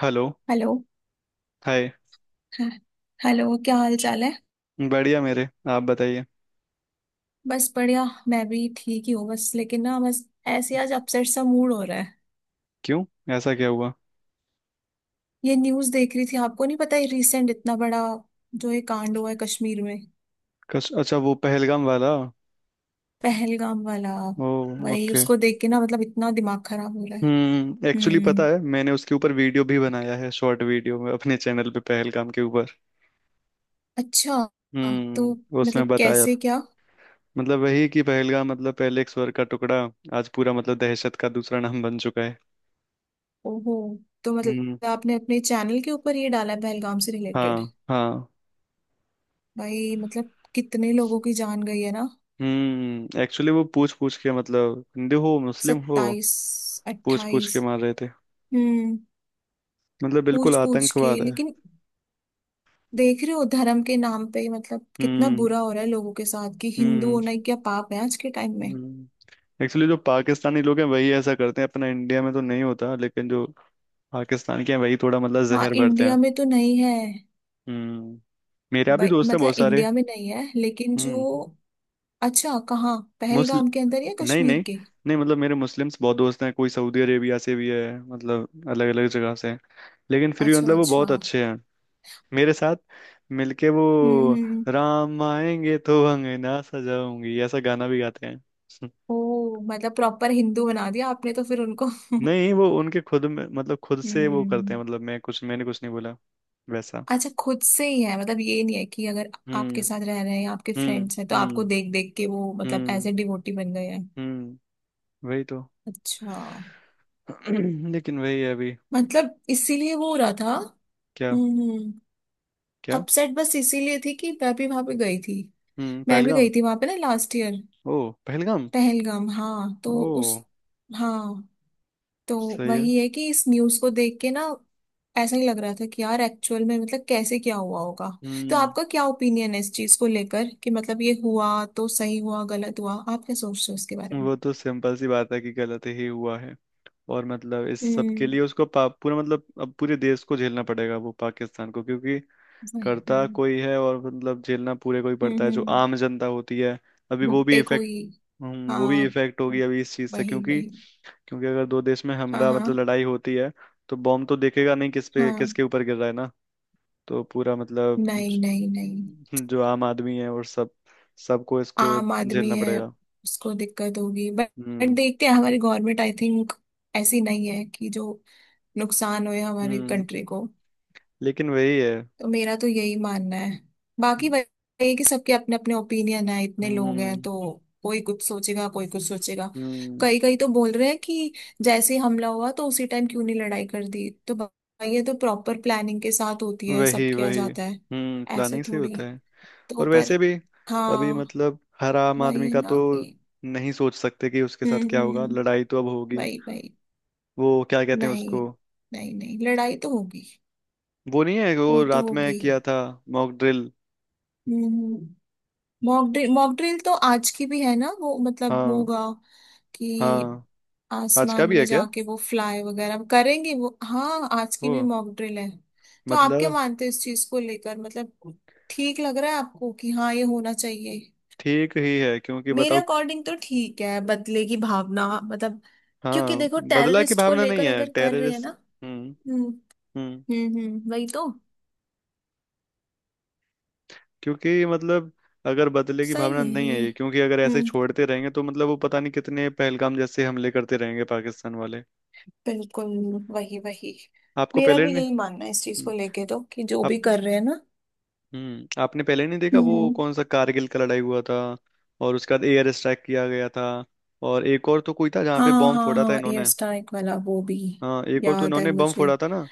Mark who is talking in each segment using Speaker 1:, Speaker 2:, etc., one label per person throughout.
Speaker 1: Hello.
Speaker 2: Hello.
Speaker 1: Hi.
Speaker 2: हाँ, hello, क्या हाल चाल है।
Speaker 1: बढ़िया, मेरे आप बताइए।
Speaker 2: बस बढ़िया, मैं भी ठीक ही हूँ। बस लेकिन ना, बस ऐसे ही आज अपसेट सा मूड हो रहा है।
Speaker 1: क्यों? ऐसा क्या हुआ?
Speaker 2: ये न्यूज़ देख रही थी, आपको नहीं पता, ये रिसेंट इतना बड़ा जो ये कांड हुआ है कश्मीर में।
Speaker 1: अच्छा वो पहलगाम वाला।
Speaker 2: पहलगाम वाला।
Speaker 1: ओ।
Speaker 2: भाई
Speaker 1: ओके।
Speaker 2: उसको देख के ना, मतलब इतना दिमाग खराब हो रहा है।
Speaker 1: हम्म, एक्चुअली पता
Speaker 2: हम्म।
Speaker 1: है मैंने उसके ऊपर वीडियो भी बनाया है, शॉर्ट वीडियो में अपने चैनल पे पहलगाम के ऊपर।
Speaker 2: अच्छा। तो
Speaker 1: हम्म, उसमें
Speaker 2: मतलब
Speaker 1: बताया
Speaker 2: कैसे क्या?
Speaker 1: मतलब वही कि पहलगाम मतलब पहले एक स्वर का टुकड़ा, आज पूरा मतलब दहशत का दूसरा नाम बन चुका है।
Speaker 2: ओहो। तो
Speaker 1: हम्म।
Speaker 2: मतलब आपने अपने चैनल के ऊपर ये डाला है पहलगाम से रिलेटेड?
Speaker 1: हाँ हाँ।
Speaker 2: भाई मतलब कितने लोगों की जान गई है ना।
Speaker 1: हम्म, एक्चुअली वो पूछ पूछ के मतलब हिंदू हो मुस्लिम हो
Speaker 2: 27।
Speaker 1: पूछ पूछ
Speaker 2: 28।
Speaker 1: के मार रहे थे।
Speaker 2: हम्म।
Speaker 1: मतलब बिल्कुल
Speaker 2: पूछ पूछ के,
Speaker 1: आतंकवाद है।
Speaker 2: लेकिन देख रहे हो धर्म के नाम पे मतलब कितना
Speaker 1: हम्म।
Speaker 2: बुरा हो रहा है लोगों के साथ, कि हिंदू होना ही क्या पाप है आज के टाइम में।
Speaker 1: हम्म, एक्चुअली जो पाकिस्तानी लोग हैं वही ऐसा करते हैं, अपना इंडिया में तो नहीं होता, लेकिन जो पाकिस्तान के हैं वही थोड़ा मतलब
Speaker 2: हाँ
Speaker 1: जहर भरते हैं।
Speaker 2: इंडिया में तो नहीं है।
Speaker 1: हम्म। मेरा भी दोस्त है
Speaker 2: मतलब
Speaker 1: बहुत सारे।
Speaker 2: इंडिया में नहीं है, लेकिन जो।
Speaker 1: हम्म।
Speaker 2: अच्छा, कहाँ,
Speaker 1: मुस्ल
Speaker 2: पहलगाम के अंदर या
Speaker 1: नहीं
Speaker 2: कश्मीर
Speaker 1: नहीं,
Speaker 2: के?
Speaker 1: नहीं मतलब मेरे मुस्लिम्स बहुत दोस्त हैं, कोई सऊदी अरेबिया से भी है, मतलब अलग अलग जगह से हैं। लेकिन फिर भी
Speaker 2: अच्छा
Speaker 1: मतलब वो
Speaker 2: अच्छा।
Speaker 1: बहुत अच्छे हैं मेरे साथ मिलके। वो
Speaker 2: हम्म।
Speaker 1: "राम आएंगे तो अंगना सजाऊंगी" ऐसा गाना भी गाते हैं।
Speaker 2: ओ मतलब प्रॉपर हिंदू बना दिया आपने तो फिर उनको
Speaker 1: नहीं, वो उनके खुद में मतलब खुद से वो करते हैं,
Speaker 2: हम्म।
Speaker 1: मतलब मैंने कुछ नहीं बोला वैसा।
Speaker 2: अच्छा, खुद से ही है, मतलब ये नहीं है कि अगर
Speaker 1: हम्म।
Speaker 2: आपके साथ रह रहे हैं या आपके
Speaker 1: हम्म।
Speaker 2: फ्रेंड्स हैं तो आपको
Speaker 1: हम्म।
Speaker 2: देख देख के वो मतलब एज
Speaker 1: हम्म।
Speaker 2: ए डिवोटी बन गए हैं।
Speaker 1: हम्म। वही तो।
Speaker 2: अच्छा।
Speaker 1: लेकिन वही है अभी।
Speaker 2: मतलब इसीलिए वो हो रहा था।
Speaker 1: क्या?
Speaker 2: हम्म।
Speaker 1: क्या?
Speaker 2: अपसेट बस इसीलिए थी कि मैं भी वहां पे गई थी।
Speaker 1: हम्म,
Speaker 2: मैं भी
Speaker 1: पहलगाम।
Speaker 2: गई थी वहां पे ना लास्ट ईयर।
Speaker 1: ओ, पहलगाम।
Speaker 2: पहलगाम हाँ, तो
Speaker 1: ओ।
Speaker 2: उस। हाँ। तो
Speaker 1: सही है।
Speaker 2: वही है कि इस न्यूज को देख के ना ऐसा ही लग रहा था कि यार एक्चुअल में मतलब कैसे क्या हुआ होगा। तो
Speaker 1: हम्म,
Speaker 2: आपका क्या ओपिनियन है इस चीज को लेकर, कि मतलब ये हुआ तो सही हुआ गलत हुआ, आप क्या सोचते हो इसके बारे में?
Speaker 1: वो तो सिंपल सी बात है कि गलत ही हुआ है। और मतलब इस सब के
Speaker 2: हम्म।
Speaker 1: लिए उसको पूरा मतलब अब पूरे देश को झेलना पड़ेगा, वो पाकिस्तान को, क्योंकि
Speaker 2: वही।
Speaker 1: करता कोई है और मतलब झेलना पूरे कोई पड़ता है, जो
Speaker 2: हम्म।
Speaker 1: आम जनता होती है। अभी वो भी
Speaker 2: भुट्टे
Speaker 1: इफेक्ट।
Speaker 2: कोई।
Speaker 1: वो भी
Speaker 2: हाँ।
Speaker 1: इफेक्ट होगी अभी इस चीज से,
Speaker 2: वही
Speaker 1: क्योंकि
Speaker 2: वही।
Speaker 1: क्योंकि अगर दो देश में
Speaker 2: हाँ
Speaker 1: हमला
Speaker 2: हाँ
Speaker 1: मतलब लड़ाई होती है तो बॉम्ब तो देखेगा नहीं किस पे
Speaker 2: हाँ।
Speaker 1: किसके ऊपर गिर रहा है ना। तो पूरा मतलब
Speaker 2: नहीं नहीं नहीं।
Speaker 1: जो आम आदमी है और सब सबको इसको
Speaker 2: आम आदमी
Speaker 1: झेलना
Speaker 2: है,
Speaker 1: पड़ेगा।
Speaker 2: उसको दिक्कत होगी, बट
Speaker 1: हम्म।
Speaker 2: देखते हैं, हमारी गवर्नमेंट आई थिंक ऐसी नहीं है कि जो नुकसान हो हमारी
Speaker 1: हम्म।
Speaker 2: कंट्री को।
Speaker 1: लेकिन वही है।
Speaker 2: तो मेरा तो यही मानना है। बाकी वही है कि सबके अपने अपने ओपिनियन है, इतने लोग
Speaker 1: हम्म।
Speaker 2: हैं तो कोई कुछ सोचेगा कोई कुछ सोचेगा।
Speaker 1: हम्म।
Speaker 2: कई कई तो बोल रहे हैं कि जैसे ही हमला हुआ तो उसी टाइम क्यों नहीं लड़ाई कर दी, तो भाई ये तो प्रॉपर प्लानिंग के साथ होती है, सब
Speaker 1: वही
Speaker 2: किया
Speaker 1: वही।
Speaker 2: जाता है,
Speaker 1: हम्म,
Speaker 2: ऐसे
Speaker 1: प्लानिंग से ही
Speaker 2: थोड़ी।
Speaker 1: होता है।
Speaker 2: तो
Speaker 1: और
Speaker 2: पर
Speaker 1: वैसे भी अभी
Speaker 2: हाँ,
Speaker 1: मतलब हर आम
Speaker 2: वही
Speaker 1: आदमी
Speaker 2: है
Speaker 1: का
Speaker 2: ना
Speaker 1: तो
Speaker 2: कि।
Speaker 1: नहीं सोच सकते कि उसके
Speaker 2: हम्म
Speaker 1: साथ क्या
Speaker 2: हम्म
Speaker 1: होगा।
Speaker 2: हम्म,
Speaker 1: लड़ाई तो अब होगी।
Speaker 2: वही वही।
Speaker 1: वो क्या कहते हैं
Speaker 2: नहीं
Speaker 1: उसको?
Speaker 2: नहीं नहीं, लड़ाई तो होगी,
Speaker 1: वो नहीं है, वो
Speaker 2: वो तो
Speaker 1: रात में
Speaker 2: होगी।
Speaker 1: किया था। Mock drill.
Speaker 2: हम्म हम्म। मॉक ड्रिल, मॉक ड्रिल तो आज की भी है ना, वो मतलब
Speaker 1: हाँ।
Speaker 2: होगा कि
Speaker 1: हाँ, आज का
Speaker 2: आसमान
Speaker 1: भी
Speaker 2: में
Speaker 1: है क्या?
Speaker 2: जाके वो फ्लाई वगैरह करेंगे, वो हाँ आज की
Speaker 1: वो
Speaker 2: भी मॉक ड्रिल है। तो आप क्या
Speaker 1: मतलब
Speaker 2: मानते हो इस चीज को लेकर, मतलब ठीक लग रहा है आपको कि हाँ ये होना चाहिए?
Speaker 1: ठीक ही है क्योंकि
Speaker 2: मेरे
Speaker 1: बताओ।
Speaker 2: अकॉर्डिंग तो ठीक है, बदले की भावना मतलब, क्योंकि
Speaker 1: हाँ,
Speaker 2: देखो
Speaker 1: बदला की
Speaker 2: टेररिस्ट को
Speaker 1: भावना नहीं
Speaker 2: लेकर
Speaker 1: है,
Speaker 2: अगर कर रहे हैं ना।
Speaker 1: टेररिस्ट। हम्म।
Speaker 2: हम्म
Speaker 1: हम्म,
Speaker 2: वही तो।
Speaker 1: क्योंकि मतलब अगर बदले की भावना
Speaker 2: सही है
Speaker 1: नहीं है
Speaker 2: ये।
Speaker 1: ये, क्योंकि अगर ऐसे
Speaker 2: हम्म।
Speaker 1: छोड़ते रहेंगे तो मतलब वो पता नहीं कितने पहलगाम जैसे हमले करते रहेंगे पाकिस्तान वाले।
Speaker 2: बिल्कुल। वही वही।
Speaker 1: आपको
Speaker 2: मेरा
Speaker 1: पहले
Speaker 2: भी
Speaker 1: नहीं।
Speaker 2: यही मानना है इस चीज को
Speaker 1: हम्म।
Speaker 2: लेके, तो कि जो
Speaker 1: आप।
Speaker 2: भी कर रहे हैं ना।
Speaker 1: हम्म, आपने पहले नहीं देखा वो
Speaker 2: हम्म हम्म।
Speaker 1: कौन सा कारगिल का लड़ाई हुआ था, और उसके बाद एयर स्ट्राइक किया गया था। और एक और तो कोई था जहाँ पे
Speaker 2: हाँ
Speaker 1: बॉम्ब
Speaker 2: हाँ
Speaker 1: फोड़ा था
Speaker 2: हाँ, एयर
Speaker 1: इन्होंने।
Speaker 2: स्ट्राइक वाला वो भी
Speaker 1: हाँ, एक और तो
Speaker 2: याद है
Speaker 1: इन्होंने बम
Speaker 2: मुझे।
Speaker 1: फोड़ा था ना।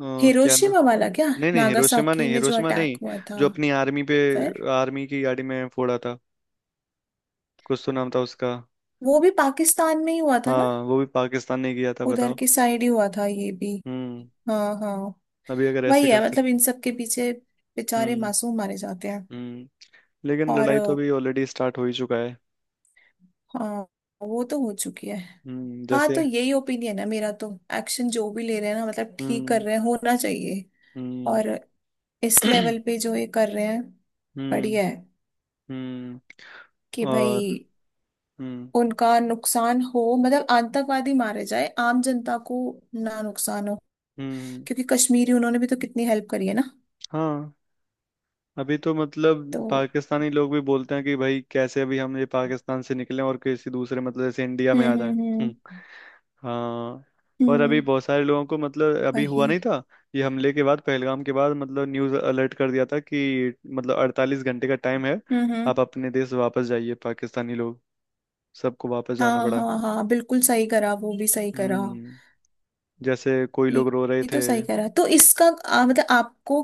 Speaker 1: क्या ना।
Speaker 2: हिरोशिमा वाला क्या,
Speaker 1: नहीं नहीं, हिरोशिमा
Speaker 2: नागासाकी
Speaker 1: नहीं,
Speaker 2: में जो
Speaker 1: हिरोशिमा
Speaker 2: अटैक
Speaker 1: नहीं।
Speaker 2: हुआ था?
Speaker 1: जो अपनी आर्मी पे,
Speaker 2: फिर।
Speaker 1: आर्मी की गाड़ी में फोड़ा था। कुछ तो नाम था उसका।
Speaker 2: वो भी पाकिस्तान में ही हुआ था ना,
Speaker 1: हाँ, वो भी पाकिस्तान ने किया था,
Speaker 2: उधर
Speaker 1: बताओ।
Speaker 2: की साइड ही हुआ था ये भी।
Speaker 1: हम्म।
Speaker 2: हाँ हाँ।
Speaker 1: अभी अगर ऐसे
Speaker 2: वही है,
Speaker 1: करते
Speaker 2: मतलब
Speaker 1: रहे-
Speaker 2: इन सब के पीछे बेचारे
Speaker 1: हम्म।
Speaker 2: मासूम मारे जाते हैं।
Speaker 1: हम्म। लेकिन
Speaker 2: और
Speaker 1: लड़ाई तो
Speaker 2: अ,
Speaker 1: अभी ऑलरेडी स्टार्ट हो ही चुका है।
Speaker 2: हाँ वो तो हो चुकी है।
Speaker 1: हम्म,
Speaker 2: हाँ
Speaker 1: जैसे।
Speaker 2: तो यही ओपिनियन है मेरा तो, एक्शन जो भी ले रहे हैं ना, मतलब ठीक कर
Speaker 1: हम्म।
Speaker 2: रहे हैं, होना चाहिए।
Speaker 1: हम्म।
Speaker 2: और इस लेवल पे जो ये कर रहे हैं,
Speaker 1: हम्म।
Speaker 2: बढ़िया है
Speaker 1: हम्म।
Speaker 2: कि भाई
Speaker 1: और। हम्म।
Speaker 2: उनका नुकसान हो, मतलब आतंकवादी मारे जाए, आम जनता को ना नुकसान हो।
Speaker 1: हम्म।
Speaker 2: क्योंकि कश्मीरी, उन्होंने भी तो कितनी हेल्प करी है ना।
Speaker 1: हाँ। अभी तो मतलब
Speaker 2: तो
Speaker 1: पाकिस्तानी लोग भी बोलते हैं कि भाई कैसे अभी हम ये पाकिस्तान से निकलें और किसी दूसरे मतलब जैसे इंडिया में
Speaker 2: हम्म
Speaker 1: आ जाएं।
Speaker 2: हम्म
Speaker 1: हम्म।
Speaker 2: हम्म
Speaker 1: हाँ। और अभी
Speaker 2: हम्म,
Speaker 1: बहुत सारे लोगों को मतलब अभी हुआ
Speaker 2: वही।
Speaker 1: नहीं था, ये हमले के बाद, पहलगाम के बाद मतलब न्यूज़ अलर्ट कर दिया था कि मतलब 48 घंटे का टाइम है,
Speaker 2: हम्म।
Speaker 1: आप अपने देश वापस जाइए पाकिस्तानी लोग। सबको वापस जाना
Speaker 2: हाँ
Speaker 1: पड़ा।
Speaker 2: हाँ हाँ, बिल्कुल सही करा, वो भी सही करा।
Speaker 1: हम्म। जैसे कोई
Speaker 2: ये
Speaker 1: लोग रो रहे
Speaker 2: ये
Speaker 1: थे।
Speaker 2: तो सही करा। तो इसका मतलब आपको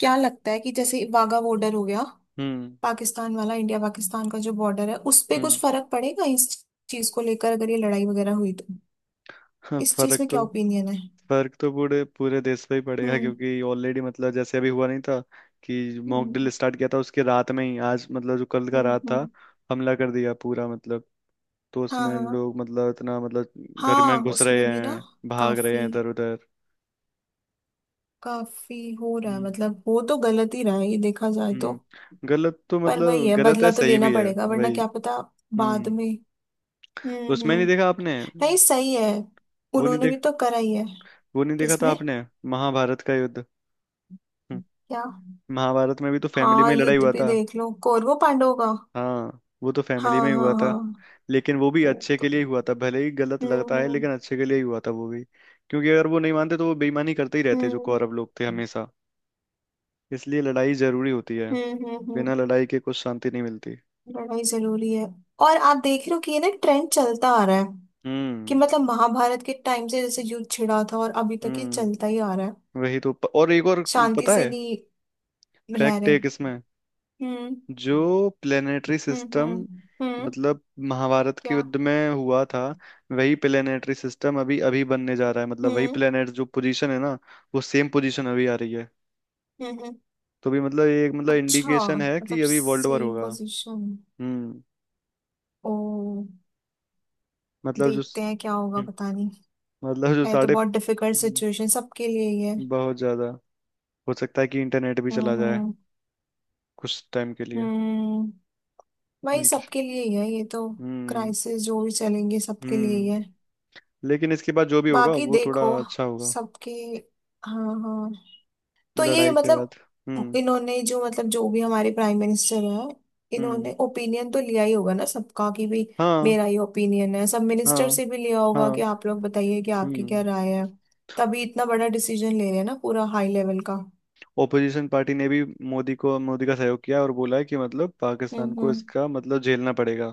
Speaker 2: क्या लगता है, कि जैसे वाघा बॉर्डर हो गया,
Speaker 1: हम्म।
Speaker 2: पाकिस्तान वाला, इंडिया पाकिस्तान का जो बॉर्डर है उस पे कुछ
Speaker 1: हम्म।
Speaker 2: फर्क पड़ेगा इस चीज को लेकर, अगर ये लड़ाई वगैरह हुई तो?
Speaker 1: हाँ,
Speaker 2: इस चीज
Speaker 1: फर्क
Speaker 2: में क्या
Speaker 1: तो,
Speaker 2: ओपिनियन है?
Speaker 1: फर्क तो पूरे पूरे देश पे ही पड़ेगा,
Speaker 2: हम्म
Speaker 1: क्योंकि ऑलरेडी मतलब जैसे अभी हुआ नहीं था कि मॉक ड्रिल
Speaker 2: हम्म
Speaker 1: स्टार्ट किया था, उसके रात में ही आज मतलब जो कल का
Speaker 2: हम्म
Speaker 1: रात था
Speaker 2: हम्म,
Speaker 1: हमला कर दिया पूरा मतलब। तो उसमें
Speaker 2: हाँ।
Speaker 1: लोग मतलब इतना मतलब घर में
Speaker 2: हाँ
Speaker 1: घुस रहे
Speaker 2: उसमें भी ना
Speaker 1: हैं, भाग रहे
Speaker 2: काफी,
Speaker 1: हैं इधर उधर।
Speaker 2: काफी हो रहा है,
Speaker 1: हम्म।
Speaker 2: मतलब हो तो गलत ही रहा है ये देखा जाए तो।
Speaker 1: हम्म, गलत तो
Speaker 2: पर
Speaker 1: मतलब
Speaker 2: वही है,
Speaker 1: गलत है,
Speaker 2: बदला तो
Speaker 1: सही
Speaker 2: लेना
Speaker 1: भी है
Speaker 2: पड़ेगा वरना
Speaker 1: वही।
Speaker 2: क्या पता बाद
Speaker 1: हम्म।
Speaker 2: में।
Speaker 1: उसमें नहीं
Speaker 2: हम्म।
Speaker 1: देखा आपने?
Speaker 2: नहीं सही है,
Speaker 1: वो नहीं
Speaker 2: उन्होंने भी
Speaker 1: देख
Speaker 2: तो करा ही है।
Speaker 1: वो नहीं देखा था
Speaker 2: किसमें?
Speaker 1: आपने? महाभारत का युद्ध। हम्म।
Speaker 2: क्या?
Speaker 1: महाभारत में भी तो फैमिली
Speaker 2: हाँ
Speaker 1: में ही लड़ाई
Speaker 2: युद्ध
Speaker 1: हुआ
Speaker 2: भी
Speaker 1: था।
Speaker 2: देख लो, कौरवों पांडवों का।
Speaker 1: हाँ, वो तो फैमिली में
Speaker 2: हाँ
Speaker 1: ही
Speaker 2: हाँ
Speaker 1: हुआ था।
Speaker 2: हाँ,
Speaker 1: लेकिन वो भी
Speaker 2: वो
Speaker 1: अच्छे के
Speaker 2: तो।
Speaker 1: लिए ही हुआ था, भले ही गलत लगता है
Speaker 2: हम्म
Speaker 1: लेकिन अच्छे के लिए ही हुआ था वो भी। क्योंकि अगर वो नहीं मानते तो वो बेईमानी करते ही रहते
Speaker 2: हम्म
Speaker 1: जो
Speaker 2: हम्म
Speaker 1: कौरव लोग थे हमेशा। इसलिए लड़ाई जरूरी होती है।
Speaker 2: हम्म हम्म हम्म,
Speaker 1: बिना लड़ाई के कुछ शांति नहीं मिलती।
Speaker 2: लड़ाई जरूरी है। और आप देख रहे हो कि ये ना ट्रेंड चलता आ रहा है, कि
Speaker 1: हम्म।
Speaker 2: मतलब महाभारत के टाइम से जैसे युद्ध छिड़ा था और अभी तक ये चलता
Speaker 1: हम्म।
Speaker 2: ही आ रहा है,
Speaker 1: और एक और
Speaker 2: शांति
Speaker 1: पता
Speaker 2: से
Speaker 1: है,
Speaker 2: नहीं रह
Speaker 1: फैक्ट
Speaker 2: रहे।
Speaker 1: एक इसमें।
Speaker 2: हम्म
Speaker 1: जो प्लेनेटरी
Speaker 2: हम्म
Speaker 1: सिस्टम
Speaker 2: हम्म हम्म,
Speaker 1: मतलब महाभारत के
Speaker 2: क्या?
Speaker 1: युद्ध में हुआ था वही प्लेनेटरी सिस्टम अभी अभी बनने जा रहा है, मतलब वही
Speaker 2: हम्म
Speaker 1: प्लेनेट जो पोजीशन है ना, वो सेम पोजीशन अभी आ रही है।
Speaker 2: हम्म। हम्म।
Speaker 1: तो भी मतलब ये एक मतलब
Speaker 2: अच्छा,
Speaker 1: इंडिकेशन है कि
Speaker 2: मतलब
Speaker 1: अभी वर्ल्ड वॉर
Speaker 2: सेम
Speaker 1: होगा।
Speaker 2: पोजीशन।
Speaker 1: हम्म।
Speaker 2: ओ।
Speaker 1: मतलब जो।
Speaker 2: देखते हैं क्या होगा,
Speaker 1: हम्म,
Speaker 2: पता नहीं।
Speaker 1: मतलब जो
Speaker 2: है तो
Speaker 1: साढ़े।
Speaker 2: बहुत डिफिकल्ट
Speaker 1: हम्म,
Speaker 2: सिचुएशन सबके लिए ही है।
Speaker 1: बहुत ज्यादा हो सकता है कि इंटरनेट भी चला जाए
Speaker 2: हम्म।
Speaker 1: कुछ टाइम के लिए।
Speaker 2: हम्म। भाई
Speaker 1: इंटर-
Speaker 2: सबके लिए ही है ये तो,
Speaker 1: हम्म।
Speaker 2: क्राइसिस जो भी चलेंगे सबके लिए ही है।
Speaker 1: हम्म। लेकिन इसके बाद जो भी होगा
Speaker 2: बाकी
Speaker 1: वो
Speaker 2: देखो,
Speaker 1: थोड़ा अच्छा होगा,
Speaker 2: सबके, हाँ हाँ। तो ये
Speaker 1: लड़ाई के बाद।
Speaker 2: मतलब
Speaker 1: हम्म।
Speaker 2: इन्होंने, जो मतलब जो भी हमारे प्राइम मिनिस्टर हैं,
Speaker 1: हम्म।
Speaker 2: इन्होंने ओपिनियन तो लिया ही होगा ना सबका कि भी
Speaker 1: हाँ
Speaker 2: मेरा ये ओपिनियन है, सब मिनिस्टर
Speaker 1: हाँ
Speaker 2: से भी लिया होगा कि
Speaker 1: हाँ।
Speaker 2: आप लोग बताइए कि आपकी क्या
Speaker 1: हम्म।
Speaker 2: राय है। तभी इतना बड़ा डिसीजन ले रहे हैं ना, पूरा हाई लेवल का।
Speaker 1: ओपोजिशन पार्टी ने भी मोदी का सहयोग किया और बोला है कि मतलब पाकिस्तान
Speaker 2: हम्म
Speaker 1: को
Speaker 2: हम्म
Speaker 1: इसका मतलब झेलना पड़ेगा।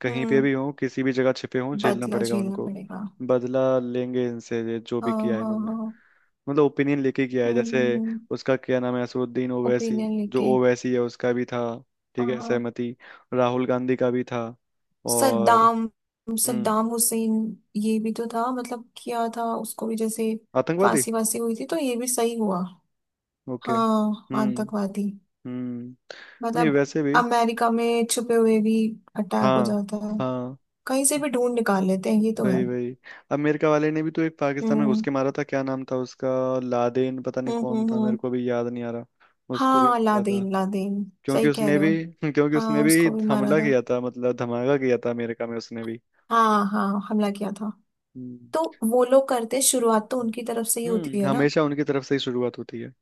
Speaker 1: कहीं पे
Speaker 2: हम्म,
Speaker 1: भी हो, किसी भी जगह छिपे हों, झेलना
Speaker 2: बदला
Speaker 1: पड़ेगा
Speaker 2: झेलना
Speaker 1: उनको।
Speaker 2: पड़ेगा।
Speaker 1: बदला लेंगे इनसे ये जो भी
Speaker 2: हाँ
Speaker 1: किया है
Speaker 2: हाँ
Speaker 1: इन्होंने।
Speaker 2: हाँ।
Speaker 1: मतलब ओपिनियन लेके किया है जैसे।
Speaker 2: हम्म।
Speaker 1: उसका क्या नाम है, असदुद्दीन ओवैसी,
Speaker 2: ओपिनियन
Speaker 1: जो
Speaker 2: लेके।
Speaker 1: ओवैसी है उसका भी था।
Speaker 2: हाँ
Speaker 1: ठीक है,
Speaker 2: हाँ।
Speaker 1: सहमति। राहुल गांधी का भी था। और।
Speaker 2: सद्दाम।
Speaker 1: हम्म।
Speaker 2: सद्दाम हुसैन, ये भी तो था मतलब, किया था उसको भी, जैसे
Speaker 1: आतंकवादी।
Speaker 2: फांसी वासी हुई थी, तो ये भी सही हुआ।
Speaker 1: ओके।
Speaker 2: हाँ
Speaker 1: हम्म।
Speaker 2: आतंकवादी।
Speaker 1: हम्म। नहीं,
Speaker 2: मतलब
Speaker 1: वैसे भी।
Speaker 2: अमेरिका में छुपे हुए भी अटैक हो
Speaker 1: हाँ
Speaker 2: जाता है,
Speaker 1: हाँ।
Speaker 2: कहीं से भी ढूंढ निकाल लेते हैं, ये तो है।
Speaker 1: वही वही। अमेरिका वाले ने भी तो एक पाकिस्तान में घुस
Speaker 2: हम्म
Speaker 1: के मारा था, क्या नाम था उसका। लादेन। पता नहीं
Speaker 2: हम्म
Speaker 1: कौन
Speaker 2: हम्म
Speaker 1: था, मेरे
Speaker 2: हम्म।
Speaker 1: को भी याद नहीं आ रहा। उसको भी
Speaker 2: हाँ
Speaker 1: मारा था
Speaker 2: लादेन, लादेन।
Speaker 1: क्योंकि
Speaker 2: सही कह
Speaker 1: उसने
Speaker 2: रहे हो,
Speaker 1: भी क्योंकि उसने
Speaker 2: हाँ
Speaker 1: भी
Speaker 2: उसको भी मारा
Speaker 1: हमला
Speaker 2: था।
Speaker 1: किया था मतलब धमाका किया था अमेरिका में उसने भी।
Speaker 2: हाँ हाँ हमला किया था।
Speaker 1: हम्म।
Speaker 2: तो वो लोग करते, शुरुआत तो उनकी तरफ से ही होती है ना,
Speaker 1: हमेशा उनकी तरफ से ही शुरुआत होती है।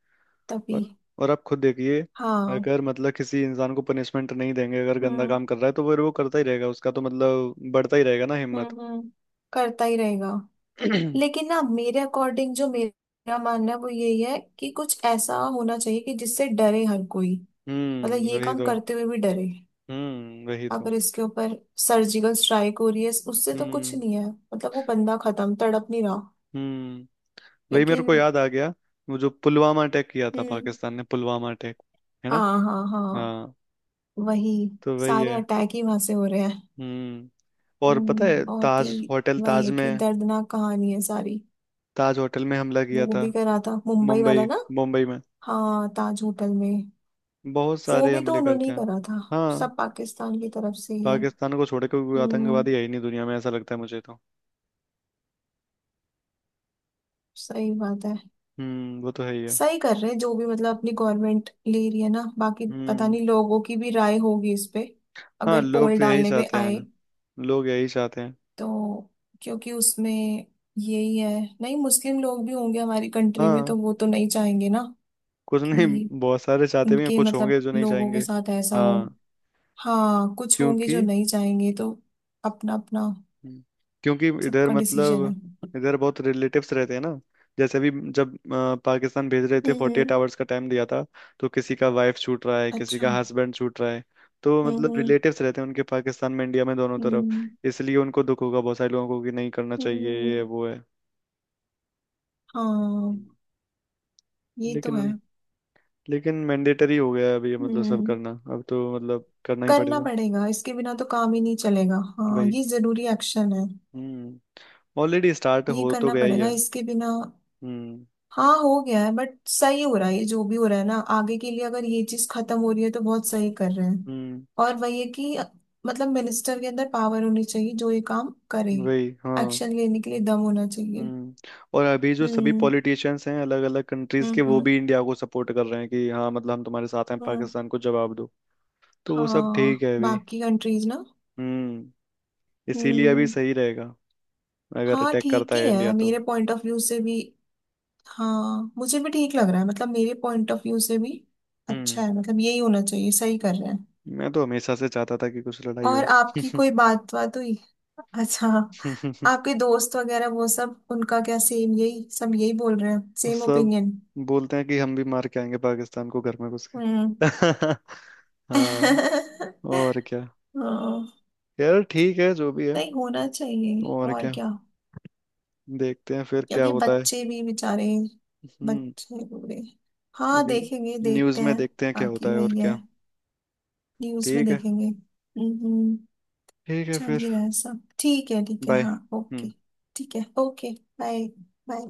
Speaker 2: तभी।
Speaker 1: और। और आप खुद देखिए,
Speaker 2: हाँ।
Speaker 1: अगर मतलब किसी इंसान को पनिशमेंट नहीं देंगे, अगर गंदा
Speaker 2: हम्म
Speaker 1: काम कर रहा है, तो फिर वो करता ही रहेगा, उसका तो मतलब बढ़ता ही रहेगा ना
Speaker 2: हम्म
Speaker 1: हिम्मत।
Speaker 2: हम्म, करता ही रहेगा। लेकिन ना, मेरे अकॉर्डिंग, जो मेरा मानना है वो यही है कि कुछ ऐसा होना चाहिए कि जिससे डरे हर कोई, मतलब
Speaker 1: हम्म,
Speaker 2: ये
Speaker 1: वही
Speaker 2: काम
Speaker 1: तो।
Speaker 2: करते हुए भी डरे।
Speaker 1: हम्म, वही तो।
Speaker 2: अगर इसके ऊपर सर्जिकल स्ट्राइक हो रही है, उससे तो कुछ
Speaker 1: हम्म।
Speaker 2: नहीं है, मतलब वो बंदा खत्म, तड़प नहीं रहा।
Speaker 1: हम्म, वही, मेरे
Speaker 2: लेकिन।
Speaker 1: को याद आ गया। वो जो पुलवामा अटैक किया था
Speaker 2: हम्म।
Speaker 1: पाकिस्तान ने, पुलवामा अटैक, है ना।
Speaker 2: हाँ हाँ हाँ।
Speaker 1: हाँ।
Speaker 2: वही,
Speaker 1: तो वही
Speaker 2: सारे
Speaker 1: है।
Speaker 2: अटैक ही वहां से हो रहे हैं।
Speaker 1: हम्म। और पता है
Speaker 2: बहुत
Speaker 1: ताज
Speaker 2: ही,
Speaker 1: होटल,
Speaker 2: वही
Speaker 1: ताज
Speaker 2: है कि
Speaker 1: में,
Speaker 2: दर्दनाक कहानी है सारी।
Speaker 1: ताज होटल में हमला किया
Speaker 2: वो
Speaker 1: था।
Speaker 2: भी करा था मुंबई वाला
Speaker 1: मुंबई।
Speaker 2: ना,
Speaker 1: मुंबई में
Speaker 2: हाँ ताज होटल में।
Speaker 1: बहुत
Speaker 2: वो
Speaker 1: सारे
Speaker 2: भी तो
Speaker 1: हमले
Speaker 2: उन्होंने
Speaker 1: करते
Speaker 2: ही
Speaker 1: हैं।
Speaker 2: करा था,
Speaker 1: हाँ।
Speaker 2: सब पाकिस्तान की तरफ से ही है।
Speaker 1: पाकिस्तान को छोड़ के कोई
Speaker 2: हम्म,
Speaker 1: आतंकवादी है ही नहीं दुनिया में, ऐसा लगता है मुझे तो।
Speaker 2: सही बात है।
Speaker 1: हम्म, वो तो है ही है।
Speaker 2: सही कर रहे हैं जो भी मतलब अपनी गवर्नमेंट ले रही है ना, बाकी पता
Speaker 1: हम्म।
Speaker 2: नहीं लोगों की भी राय होगी इस पे,
Speaker 1: हाँ,
Speaker 2: अगर
Speaker 1: लोग
Speaker 2: पोल
Speaker 1: तो यही
Speaker 2: डालने पे
Speaker 1: चाहते
Speaker 2: आए
Speaker 1: हैं, लोग यही चाहते हैं।
Speaker 2: तो। क्योंकि उसमें, यही है, नहीं मुस्लिम लोग भी होंगे हमारी कंट्री में
Speaker 1: हाँ।
Speaker 2: तो वो तो नहीं चाहेंगे ना
Speaker 1: कुछ नहीं।
Speaker 2: कि
Speaker 1: बहुत सारे चाहते भी हैं,
Speaker 2: उनके
Speaker 1: कुछ होंगे
Speaker 2: मतलब
Speaker 1: जो नहीं
Speaker 2: लोगों के
Speaker 1: चाहेंगे।
Speaker 2: साथ ऐसा हो।
Speaker 1: हाँ।
Speaker 2: हाँ कुछ होंगे जो
Speaker 1: क्योंकि।
Speaker 2: नहीं चाहेंगे, तो अपना अपना
Speaker 1: हम्म। क्योंकि इधर
Speaker 2: सबका डिसीजन
Speaker 1: मतलब,
Speaker 2: है।
Speaker 1: इधर बहुत रिलेटिव्स रहते हैं ना। जैसे अभी जब पाकिस्तान भेज रहे थे फोर्टी एट
Speaker 2: हम्म।
Speaker 1: आवर्स का टाइम दिया था तो किसी का वाइफ छूट रहा है, किसी
Speaker 2: अच्छा।
Speaker 1: का हस्बैंड छूट रहा है। तो मतलब
Speaker 2: हम्म
Speaker 1: रिलेटिव्स रहते हैं उनके, पाकिस्तान में इंडिया में दोनों तरफ।
Speaker 2: हम्म,
Speaker 1: इसलिए उनको दुख होगा बहुत सारे लोगों को कि नहीं करना चाहिए ये
Speaker 2: हम्म,
Speaker 1: वो है।
Speaker 2: हाँ,
Speaker 1: हम्म।
Speaker 2: ये तो है।
Speaker 1: लेकिन लेकिन मैंडेटरी हो गया है अभी ये मतलब सब
Speaker 2: हम्म।
Speaker 1: करना, अब तो मतलब करना ही
Speaker 2: करना
Speaker 1: पड़ेगा।
Speaker 2: पड़ेगा, इसके बिना तो काम ही नहीं चलेगा, हाँ
Speaker 1: वही।
Speaker 2: ये जरूरी एक्शन है।
Speaker 1: हम्म। ऑलरेडी स्टार्ट
Speaker 2: ये
Speaker 1: हो तो
Speaker 2: करना
Speaker 1: गया ही
Speaker 2: पड़ेगा
Speaker 1: है।
Speaker 2: इसके बिना।
Speaker 1: हम्म।
Speaker 2: हाँ हो गया है, बट सही हो रहा है, ये जो भी हो रहा है ना आगे के लिए, अगर ये चीज खत्म हो रही है तो बहुत सही कर रहे हैं।
Speaker 1: हम्म।
Speaker 2: और वही है कि मतलब मिनिस्टर के अंदर पावर होनी चाहिए, जो ये काम करे,
Speaker 1: वही। हाँ।
Speaker 2: एक्शन लेने के लिए दम होना चाहिए।
Speaker 1: हम्म। और अभी जो सभी
Speaker 2: हम्म
Speaker 1: पॉलिटिशियंस हैं अलग अलग कंट्रीज
Speaker 2: हम्म
Speaker 1: के, वो
Speaker 2: हम्म
Speaker 1: भी इंडिया को सपोर्ट कर रहे हैं कि हाँ मतलब हम तुम्हारे साथ हैं,
Speaker 2: हम्म,
Speaker 1: पाकिस्तान को जवाब दो। तो वो सब ठीक
Speaker 2: हाँ
Speaker 1: है अभी।
Speaker 2: बाकी कंट्रीज ना।
Speaker 1: हम्म। इसीलिए अभी
Speaker 2: हम्म।
Speaker 1: सही रहेगा, अगर
Speaker 2: हाँ
Speaker 1: अटैक
Speaker 2: ठीक
Speaker 1: करता
Speaker 2: ही
Speaker 1: है
Speaker 2: है
Speaker 1: इंडिया तो।
Speaker 2: मेरे पॉइंट ऑफ व्यू से भी। हाँ मुझे भी ठीक लग रहा है, मतलब मेरे पॉइंट ऑफ व्यू से भी अच्छा
Speaker 1: हम्म।
Speaker 2: है, मतलब यही होना चाहिए, सही कर रहे हैं।
Speaker 1: मैं तो हमेशा से चाहता था कि कुछ लड़ाई
Speaker 2: और
Speaker 1: हो।
Speaker 2: आपकी कोई बात बात हुई? अच्छा, आपके दोस्त वगैरह वो सब उनका क्या, सेम यही सब यही बोल रहे हैं,
Speaker 1: वो
Speaker 2: सेम
Speaker 1: सब
Speaker 2: ओपिनियन?
Speaker 1: बोलते हैं कि हम भी मार के आएंगे पाकिस्तान को, घर में घुस के।
Speaker 2: हम्म।
Speaker 1: हाँ। और क्या।
Speaker 2: हाँ,
Speaker 1: यार ठीक है जो भी है।
Speaker 2: नहीं होना चाहिए,
Speaker 1: और
Speaker 2: और
Speaker 1: क्या।
Speaker 2: क्या।
Speaker 1: देखते हैं फिर क्या
Speaker 2: क्योंकि
Speaker 1: होता है।
Speaker 2: बच्चे भी बेचारे,
Speaker 1: हम्म,
Speaker 2: बच्चे बुरे। हाँ
Speaker 1: अभी
Speaker 2: देखेंगे,
Speaker 1: न्यूज़
Speaker 2: देखते
Speaker 1: में
Speaker 2: हैं।
Speaker 1: देखते हैं क्या होता
Speaker 2: बाकी
Speaker 1: है, और
Speaker 2: वही है,
Speaker 1: क्या।
Speaker 2: न्यूज में
Speaker 1: ठीक है।
Speaker 2: देखेंगे। हम्म।
Speaker 1: ठीक है
Speaker 2: चल
Speaker 1: फिर।
Speaker 2: ही रहा है, सब ठीक है, ठीक है,
Speaker 1: बाय।
Speaker 2: हाँ ओके।
Speaker 1: हम्म।
Speaker 2: ठीक है, ओके। बाय। बाय।